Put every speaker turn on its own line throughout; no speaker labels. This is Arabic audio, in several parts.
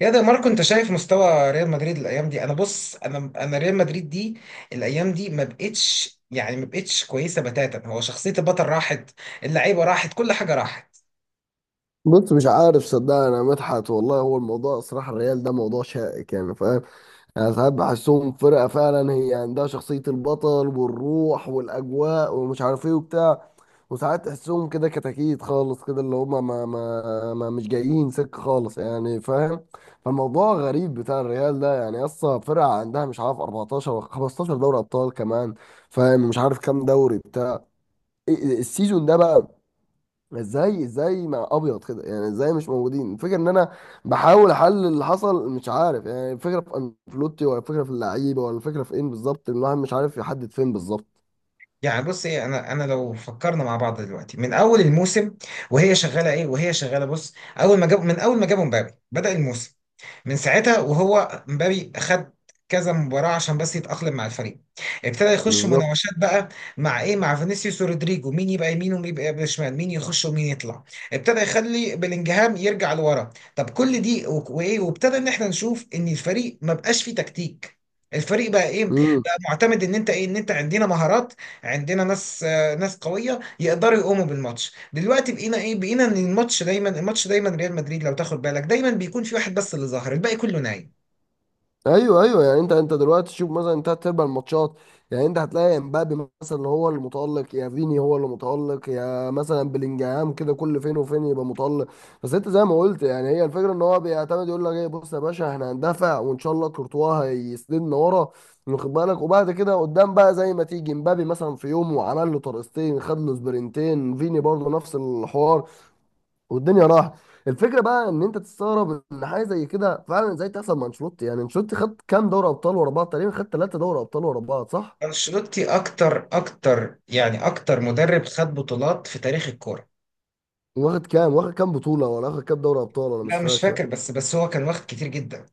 يا ده ماركو، انت شايف مستوى ريال مدريد الايام دي؟ انا بص، انا ريال مدريد دي الايام دي ما بقتش، ما بقتش كويسه بتاتا. هو شخصيه البطل راحت، اللعيبه راحت، كل حاجه راحت.
بص، مش عارف، صدقني انا مدحت والله. هو الموضوع صراحه الريال ده موضوع شائك، يعني فاهم. انا ساعات بحسهم فرقه فعلا، هي عندها شخصيه البطل والروح والاجواء ومش عارف ايه وبتاع. وساعات تحسهم كده كتاكيت خالص كده، اللي هم ما مش جايين سكه خالص، يعني فاهم. فالموضوع غريب بتاع الريال ده، يعني اصلا فرقه عندها مش عارف 14 ولا 15 دوري ابطال كمان، فاهم. مش عارف كام دوري بتاع. السيزون ده بقى ازاي مع ابيض كده؟ يعني ازاي مش موجودين؟ الفكره ان انا بحاول احلل اللي حصل، مش عارف. يعني الفكره في انفلوتي، ولا الفكره في اللعيبه، ولا الفكره في ايه بالظبط؟ الواحد مش عارف يحدد فين بالظبط.
يعني بص ايه، انا لو فكرنا مع بعض دلوقتي من اول الموسم وهي شغاله بص. اول ما جاب من اول ما جابوا مبابي بدأ الموسم، من ساعتها وهو مبابي خد كذا مباراة عشان بس يتأقلم مع الفريق. ابتدى يخش
بالظبط.
مناوشات بقى، مع ايه؟ مع فينيسيوس ورودريجو، مين يبقى يمين ومين يبقى شمال، مين يخش ومين يطلع. ابتدى يخلي بلينجهام يرجع لورا. طب كل دي وايه، وابتدى ان احنا نشوف ان الفريق ما بقاش فيه تكتيك. الفريق بقى ايه؟ بقى معتمد ان انت ايه، ان انت عندنا مهارات، عندنا ناس قويه يقدروا يقوموا بالماتش. دلوقتي بقينا ايه؟ بقينا ان الماتش دايما ريال مدريد لو تاخد بالك دايما بيكون في واحد بس اللي ظاهر، الباقي كله نايم.
ايوه، ايوه، يعني انت دلوقتي شوف مثلا انت تلعب الماتشات، يعني انت هتلاقي امبابي مثلا هو اللي متالق، يا فيني هو اللي متالق، يا مثلا بلينجهام كده كل فين وفين يبقى متالق. بس انت زي ما قلت، يعني هي الفكره ان هو بيعتمد يقول لك ايه، بص يا باشا احنا هندافع وان شاء الله كورتوا هيسندنا ورا، واخد بالك؟ وبعد كده قدام بقى زي ما تيجي امبابي مثلا في يوم وعمل له طرقستين، خد له سبرنتين، فيني برضه نفس الحوار، والدنيا راحت. الفكره بقى ان انت تستغرب ان حاجه زي كده فعلا ازاي تحصل مع انشيلوتي. يعني انشيلوتي خد كام دوري ابطال ورا بعض؟ تقريبا خد ثلاثه دوري ابطال ورا بعض، صح؟
انشيلوتي اكتر مدرب خد بطولات في تاريخ الكوره.
واخد كام بطوله ولا واخد كام دوري ابطال؟ انا مش
لا مش
فاكر.
فاكر، بس هو كان واخد كتير جدا.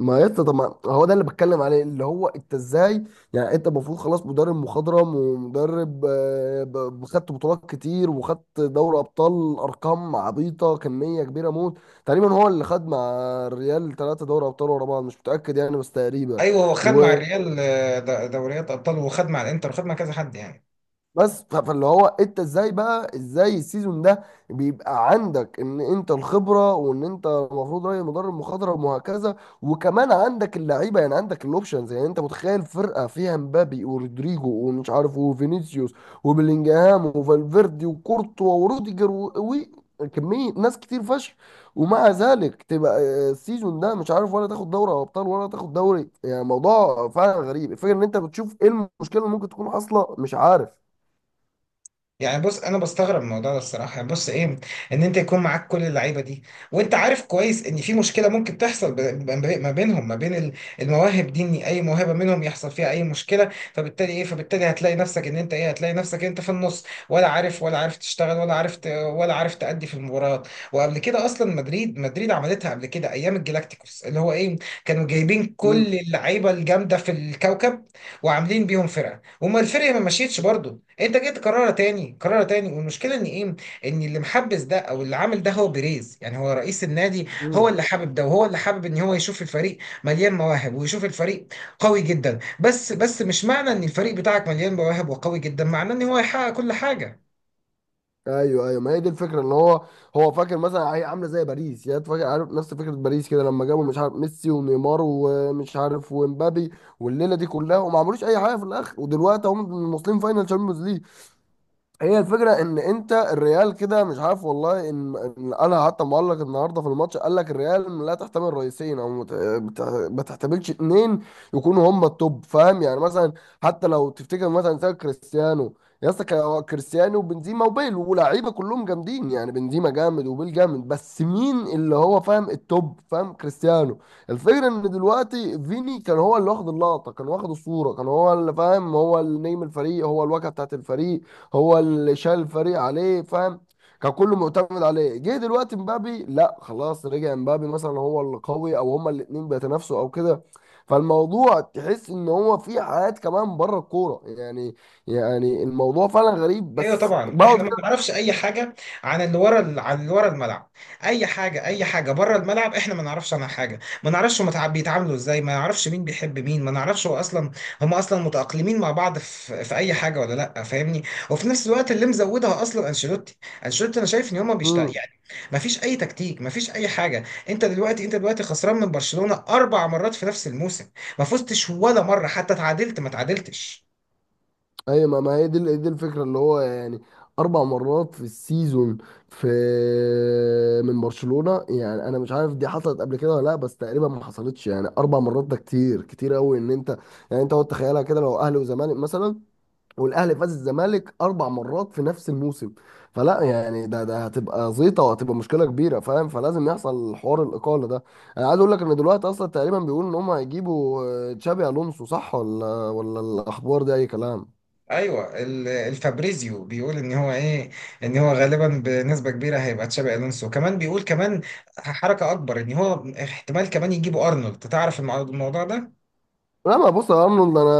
ما يا اسطى، طب ما هو ده اللي بتكلم عليه، اللي هو انت ازاي؟ يعني انت المفروض خلاص مدرب مخضرم ومدرب، خدت بطولات كتير وخدت دوري ابطال ارقام عبيطه، كميه كبيره موت. تقريبا هو اللي خد مع الريال ثلاثه دوري ابطال ورا بعض، مش متاكد يعني، بس تقريبا.
ايوه، هو خد مع
و...
الريال دوريات ابطال، وخد مع الانتر، وخد مع كذا حد يعني.
بس فاللي هو انت ازاي بقى؟ ازاي السيزون ده بيبقى عندك ان انت الخبره، وان انت المفروض راجل مدرب مخاضره وهكذا، وكمان عندك اللعيبه، يعني عندك الاوبشنز. يعني انت متخيل فرقه فيها مبابي ورودريجو ومش عارف وفينيسيوس وبلينجهام وفالفيردي وكورتوا وروديجر و كمية ناس كتير فشخ، ومع ذلك تبقى السيزون ده مش عارف ولا تاخد دوري ابطال ولا تاخد دوري، يعني موضوع فعلا غريب. الفكره ان انت بتشوف ايه المشكله اللي ممكن تكون حاصله؟ مش عارف.
يعني بص، انا بستغرب من الموضوع ده الصراحه. يعني بص ايه، ان انت يكون معاك كل اللعيبه دي، وانت عارف كويس ان في مشكله ممكن تحصل ما بين المواهب دي. ان اي موهبه منهم يحصل فيها اي مشكله، فبالتالي ايه، هتلاقي نفسك ان انت ايه، هتلاقي نفسك انت في النص، ولا عارف، تشتغل، ولا عارف تأدي في المباريات. وقبل كده اصلا، مدريد عملتها قبل كده ايام الجلاكتيكوس، اللي هو ايه، كانوا جايبين كل
امم.
اللعيبه الجامده في الكوكب وعاملين بيهم فرقه، وما الفرقه ما مشيتش برضه. انت جيت تكررها تاني، كررها تاني. والمشكله ان ايه، ان اللي محبس ده او اللي عامل ده هو بيريز، يعني هو رئيس النادي. هو
امم.
اللي حابب ده، وهو اللي حابب ان هو يشوف الفريق مليان مواهب، ويشوف الفريق قوي جدا. بس مش معنى ان الفريق بتاعك مليان مواهب وقوي جدا، معناه ان هو يحقق كل حاجه.
ايوه، ايوه. ما هي دي الفكره ان هو هو فاكر مثلا هي عامله زي باريس، يعني فاكر عارف نفس فكره باريس كده، لما جابوا مش عارف ميسي ونيمار ومش عارف ومبابي والليله دي كلها، وما عملوش اي حاجه في الاخر، ودلوقتي هم واصلين فاينل تشامبيونز. هي الفكرة ان انت الريال كده مش عارف والله. إن انا حتى معلق النهارده في الماتش قال لك الريال لا تحتمل رئيسين، او ما تحتملش اتنين يكونوا هم التوب، فاهم؟ يعني مثلا حتى لو تفتكر مثلا زي كريستيانو، يا اسطى كان هو كريستيانو وبنزيما وبيل ولاعيبه كلهم جامدين. يعني بنزيما جامد وبيل جامد، بس مين اللي هو فاهم التوب؟ فاهم؟ كريستيانو. الفكرة ان دلوقتي فيني كان هو اللي واخد اللقطة، كان واخد الصورة، كان هو اللي فاهم، هو اللي نجم الفريق، هو الواجهة بتاعت الفريق، هو اللي شايل الفريق عليه، فاهم؟ كان كله معتمد عليه. جه دلوقتي مبابي، لا خلاص رجع مبابي مثلا هو اللي قوي، او هما الاتنين بيتنافسوا او كده. فالموضوع تحس ان هو في حياة كمان بره الكورة، يعني. يعني الموضوع فعلا غريب،
ايوه
بس
طبعا، احنا
بقعد
ما نعرفش اي حاجه عن اللي ورا الملعب. اي حاجه، بره الملعب، احنا ما نعرفش عنها حاجه. ما نعرفش هم بيتعاملوا ازاي، ما نعرفش مين بيحب مين، ما نعرفش هو اصلا هم اصلا متاقلمين مع بعض في اي حاجه ولا لا، فاهمني؟ وفي نفس الوقت اللي مزودها اصلا انشيلوتي، انا شايف ان هم بيشت
كده.
يعني. ما فيش اي تكتيك، ما فيش اي حاجه. انت دلوقتي خسران من برشلونه 4 مرات في نفس الموسم، ما فزتش ولا مره، حتى تعادلت ما تعادلتش.
ايوه، ما ما هي دي دي الفكره اللي هو يعني اربع مرات في السيزون، في، من برشلونه. يعني انا مش عارف دي حصلت قبل كده ولا لا، بس تقريبا ما حصلتش، يعني اربع مرات ده كتير كتير قوي ان انت. يعني انت اقعد تخيلها كده، لو اهلي وزمالك مثلا والاهلي فاز الزمالك اربع مرات في نفس الموسم، فلا يعني ده هتبقى زيطه وهتبقى مشكله كبيره، فاهم؟ فلازم يحصل حوار الاقاله ده. انا عايز اقول لك ان دلوقتي اصلا تقريبا بيقولوا ان هم هيجيبوا تشابي الونسو، صح؟ ولا الاخبار دي اي كلام؟
ايوه، الفابريزيو بيقول ان هو ايه، ان هو غالبا بنسبه كبيره هيبقى تشابي الونسو. كمان بيقول، كمان حركه اكبر، ان هو احتمال كمان يجيبوا ارنولد، تعرف الموضوع ده؟
لا ما، بص يا ارنولد انا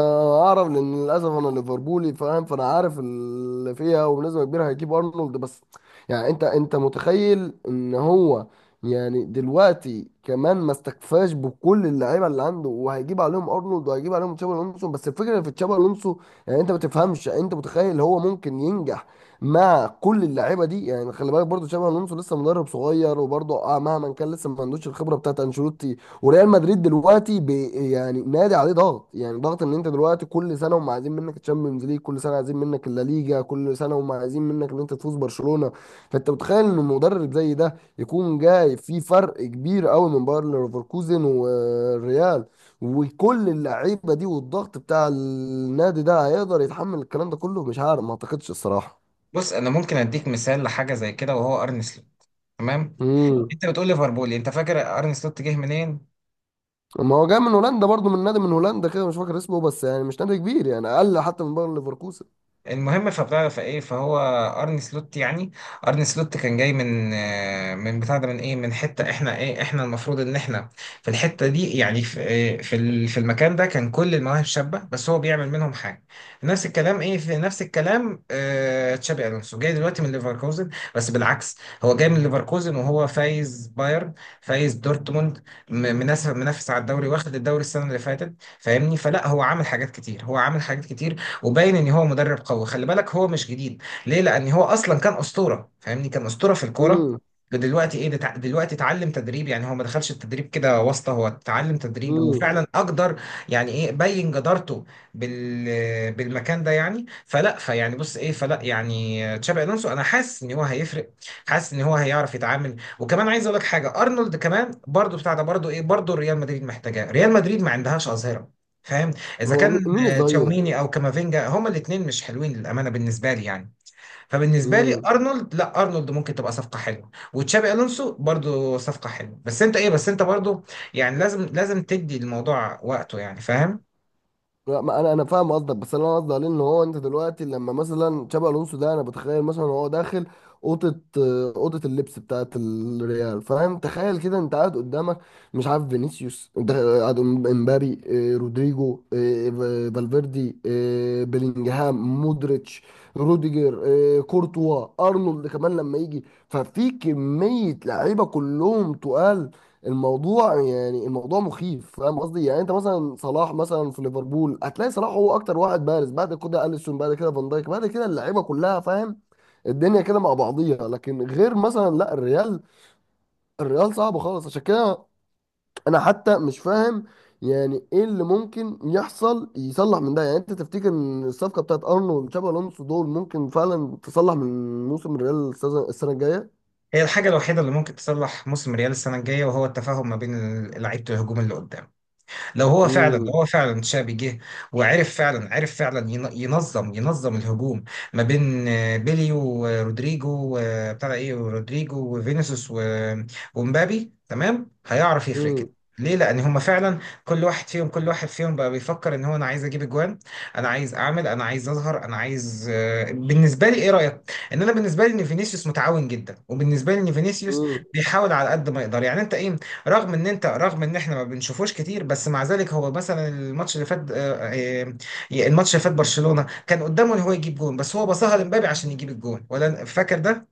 اعرف، لان للاسف انا ليفربولي، فاهم؟ فانا عارف اللي فيها، وبنسبه كبيره هيجيب ارنولد. بس يعني انت متخيل ان هو، يعني دلوقتي كمان ما استكفاش بكل اللعيبه اللي عنده وهيجيب عليهم ارنولد وهيجيب عليهم تشابي الونسو. بس الفكره في تشابي الونسو، يعني انت ما تفهمش، يعني انت متخيل هو ممكن ينجح مع كل اللعيبه دي؟ يعني خلي بالك برضو تشابي الونسو لسه مدرب صغير، وبرضو آه مهما كان لسه ما عندوش الخبره بتاعت انشيلوتي. وريال مدريد دلوقتي يعني نادي عليه ضغط، يعني ضغط ان انت دلوقتي كل سنه هم عايزين منك الشامبيونز ليج، كل سنه عايزين منك اللا ليجا، كل سنه هم عايزين منك ان انت تفوز برشلونه. فانت متخيل ان مدرب زي ده يكون جاي في فرق كبير قوي من باير ليفركوزن والريال، وكل اللعيبه دي والضغط بتاع النادي ده، هيقدر يتحمل الكلام ده كله؟ مش عارف، ما اعتقدش الصراحه.
بص، انا ممكن اديك مثال لحاجه زي كده، وهو ارن سلوت، تمام.
امم.
انت بتقول ليفربول، انت فاكر ارن سلوت جه منين؟
ما هو جاي من هولندا برضو، من نادي من هولندا كده مش فاكر اسمه، بس يعني مش نادي كبير، يعني اقل حتى من باير ليفركوزن.
المهم، فبتعرف ايه، فهو ارني سلوت يعني، ارني سلوت كان جاي من آه، من بتاع ده من ايه من حته، احنا ايه، المفروض ان احنا في الحته دي. يعني في في المكان ده كان كل المواهب شابه، بس هو بيعمل منهم حاجه. نفس الكلام ايه، في نفس الكلام آه، تشابي الونسو جاي دلوقتي من ليفركوزن، بس بالعكس. هو جاي من ليفركوزن وهو فايز بايرن، فايز دورتموند، منافس، على الدوري، واخد الدوري السنه اللي فاتت. فاهمني، فلا هو عامل حاجات كتير، وباين ان هو مدرب قوي. خلي بالك، هو مش جديد، ليه؟ لان هو اصلا كان اسطوره، فاهمني، كان اسطوره في الكوره. دلوقتي ايه، دلوقتي اتعلم تدريب. يعني هو ما دخلش التدريب كده واسطه، هو اتعلم تدريب
امم.
وفعلا اقدر يعني ايه، بين جدارته بالمكان ده. يعني فلا فيعني بص ايه فلا يعني تشابي الونسو انا حاسس ان هو هيفرق، حاسس ان هو هيعرف يتعامل. وكمان عايز اقول لك حاجه، ارنولد كمان برضو بتاع ده، برضو ايه، برضو ريال مدريد محتاجاه. ريال مدريد ما عندهاش اظهره، فاهم؟ اذا
هو
كان
مين الظهير؟
تشاوميني او كامافينجا، هما الاثنين مش حلوين للامانه بالنسبه لي يعني. فبالنسبه لي
امم.
ارنولد، لا، ارنولد ممكن تبقى صفقه حلوه، وتشابي الونسو برضو صفقه حلوه. بس انت ايه، بس انت برضو يعني لازم تدي الموضوع وقته، يعني فاهم؟
لا، ما انا فاهم قصدك، بس انا قصدي عليه ان هو، انت دلوقتي لما مثلا تشابي الونسو ده، انا بتخيل مثلا هو داخل اوضه، اوضه اللبس بتاعت الريال، فاهم؟ تخيل كده انت قاعد قدامك مش عارف فينيسيوس، انت قاعد قدام امبابي، رودريجو، فالفيردي، بيلينجهام، مودريتش، روديجر، كورتوا، ارنولد كمان لما يجي، ففي كميه لعيبه كلهم تقال. الموضوع يعني الموضوع مخيف، فاهم قصدي؟ يعني انت مثلا صلاح مثلا في ليفربول، هتلاقي صلاح هو اكتر واحد بارز، بعد كده اليسون، بعد كده فان دايك، بعد كده اللعيبه كلها، فاهم؟ الدنيا كده مع بعضيها، لكن غير مثلا لا الريال، الريال صعب خالص. عشان كده انا حتى مش فاهم يعني ايه اللي ممكن يحصل يصلح من ده. يعني انت تفتكر ان الصفقه بتاعت ارنولد وتشابي الونسو دول ممكن فعلا تصلح من موسم الريال السنة الجايه؟
هي الحاجه الوحيده اللي ممكن تصلح موسم ريال السنه الجايه، وهو التفاهم ما بين لعيبه الهجوم اللي قدام. لو
امم.
هو فعلا تشابي جه، وعرف فعلا، عرف فعلا ينظم الهجوم ما بين بيلي ورودريجو وبتاع ده ايه ورودريجو وفينيسيوس ومبابي، تمام، هيعرف يفرق كده. ليه؟ لان هما فعلا كل واحد فيهم بقى بيفكر ان هو انا عايز اجيب اجوان، انا عايز اعمل، انا عايز اظهر، انا عايز بالنسبه لي ايه رايك؟ ان انا بالنسبه لي ان فينيسيوس متعاون جدا، وبالنسبه لي ان فينيسيوس
امم.
بيحاول على قد ما يقدر. يعني انت ايه، رغم ان احنا ما بنشوفوش كتير. بس مع ذلك هو مثلا الماتش اللي فات برشلونة كان قدامه ان هو يجيب جون، بس هو باصها لمبابي عشان يجيب الجون، ولا فاكر ده؟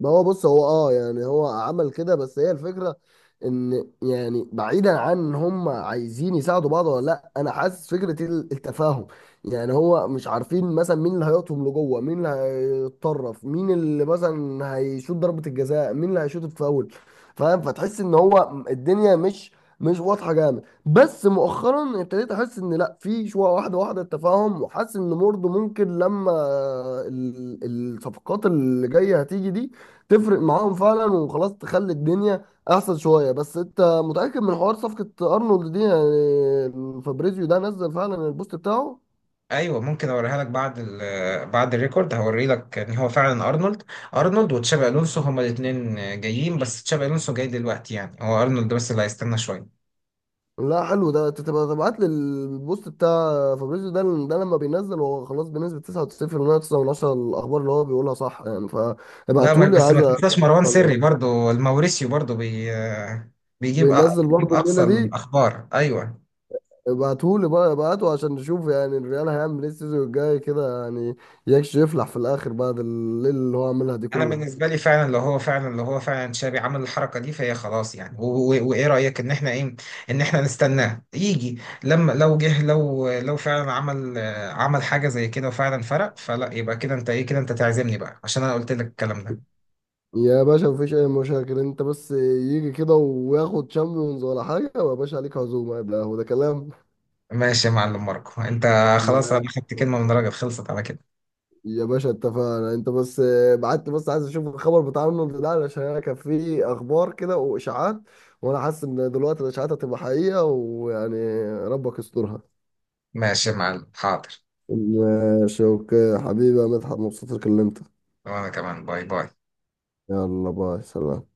ما هو بص هو اه، يعني هو عمل كده، بس هي الفكرة ان يعني بعيدا عن ان هم عايزين يساعدوا بعض ولا لا، انا حاسس فكرة التفاهم، يعني هو مش عارفين مثلا مين اللي هيقطهم لجوه، مين اللي هيتطرف، مين اللي مثلا هيشوط ضربة الجزاء، مين اللي هيشوط الفاول، فاهم؟ فتحس ان هو الدنيا مش واضحة جامد، بس مؤخرا ابتديت احس ان لا، في شوية واحدة واحدة التفاهم، وحاسس ان برضه ممكن لما ال- الصفقات اللي جاية هتيجي دي تفرق معاهم فعلا وخلاص تخلي الدنيا احسن شويه. بس انت متاكد من حوار صفقه ارنولد دي؟ يعني فابريزيو ده نزل فعلا البوست بتاعه؟
ايوه ممكن اوريها لك بعد الريكورد، هوري لك ان هو فعلا ارنولد، وتشابي الونسو هما الاثنين جايين. بس تشابي الونسو جاي دلوقتي، يعني هو ارنولد بس اللي هيستنى شويه.
لا حلو. ده انت تبقى تبعت لي البوست بتاع فابريزيو ده، ده لما بينزل هو خلاص بنسبه 99.9 من عشرة الاخبار اللي هو بيقولها صح، يعني
لا
فابعتولي،
بس
عايز.
ما
أ-
تنساش مروان سري برضو، الموريسيو برضو بي آه، بيجيب أ-
بينزل
بيجيب
برضه
اقصى
الليله دي؟
الاخبار، ايوه.
ابعتهولي بقى، ابعته عشان نشوف يعني الريال هيعمل ايه السيزون الجاي كده، يعني يكش يفلح في الاخر بعد الليله اللي هو عملها دي
انا
كلها.
بالنسبه لي فعلا، لو هو فعلا شابي عمل الحركه دي، فهي خلاص يعني. وايه رايك، ان احنا نستناه يجي؟ لما لو جه، لو فعلا عمل حاجه زي كده وفعلا فرق، فلا يبقى كده انت ايه، كده انت تعزمني بقى عشان انا قلت لك الكلام ده.
يا باشا مفيش اي مشاكل، انت بس يجي كده وياخد شامبيونز ولا حاجه، ويا باشا عليك عزومه، يبقى هو ده كلام.
ماشي يا معلم ماركو. انت خلاص،
ما
انا خدت كلمه من راجل، خلصت على كده.
يا باشا اتفقنا، انت بس بعت لي، بس عايز اشوف الخبر بتاع رونالد ده علشان انا كان في اخبار كده واشاعات، وانا حاسس ان دلوقتي الاشاعات هتبقى حقيقه، ويعني ربك يسترها.
ماشي يا معلم، حاضر.
ماشي، اوكي حبيبي يا مدحت، مبسوط إني كلمتك.
وانا كمان، باي باي.
يلا باي، سلام.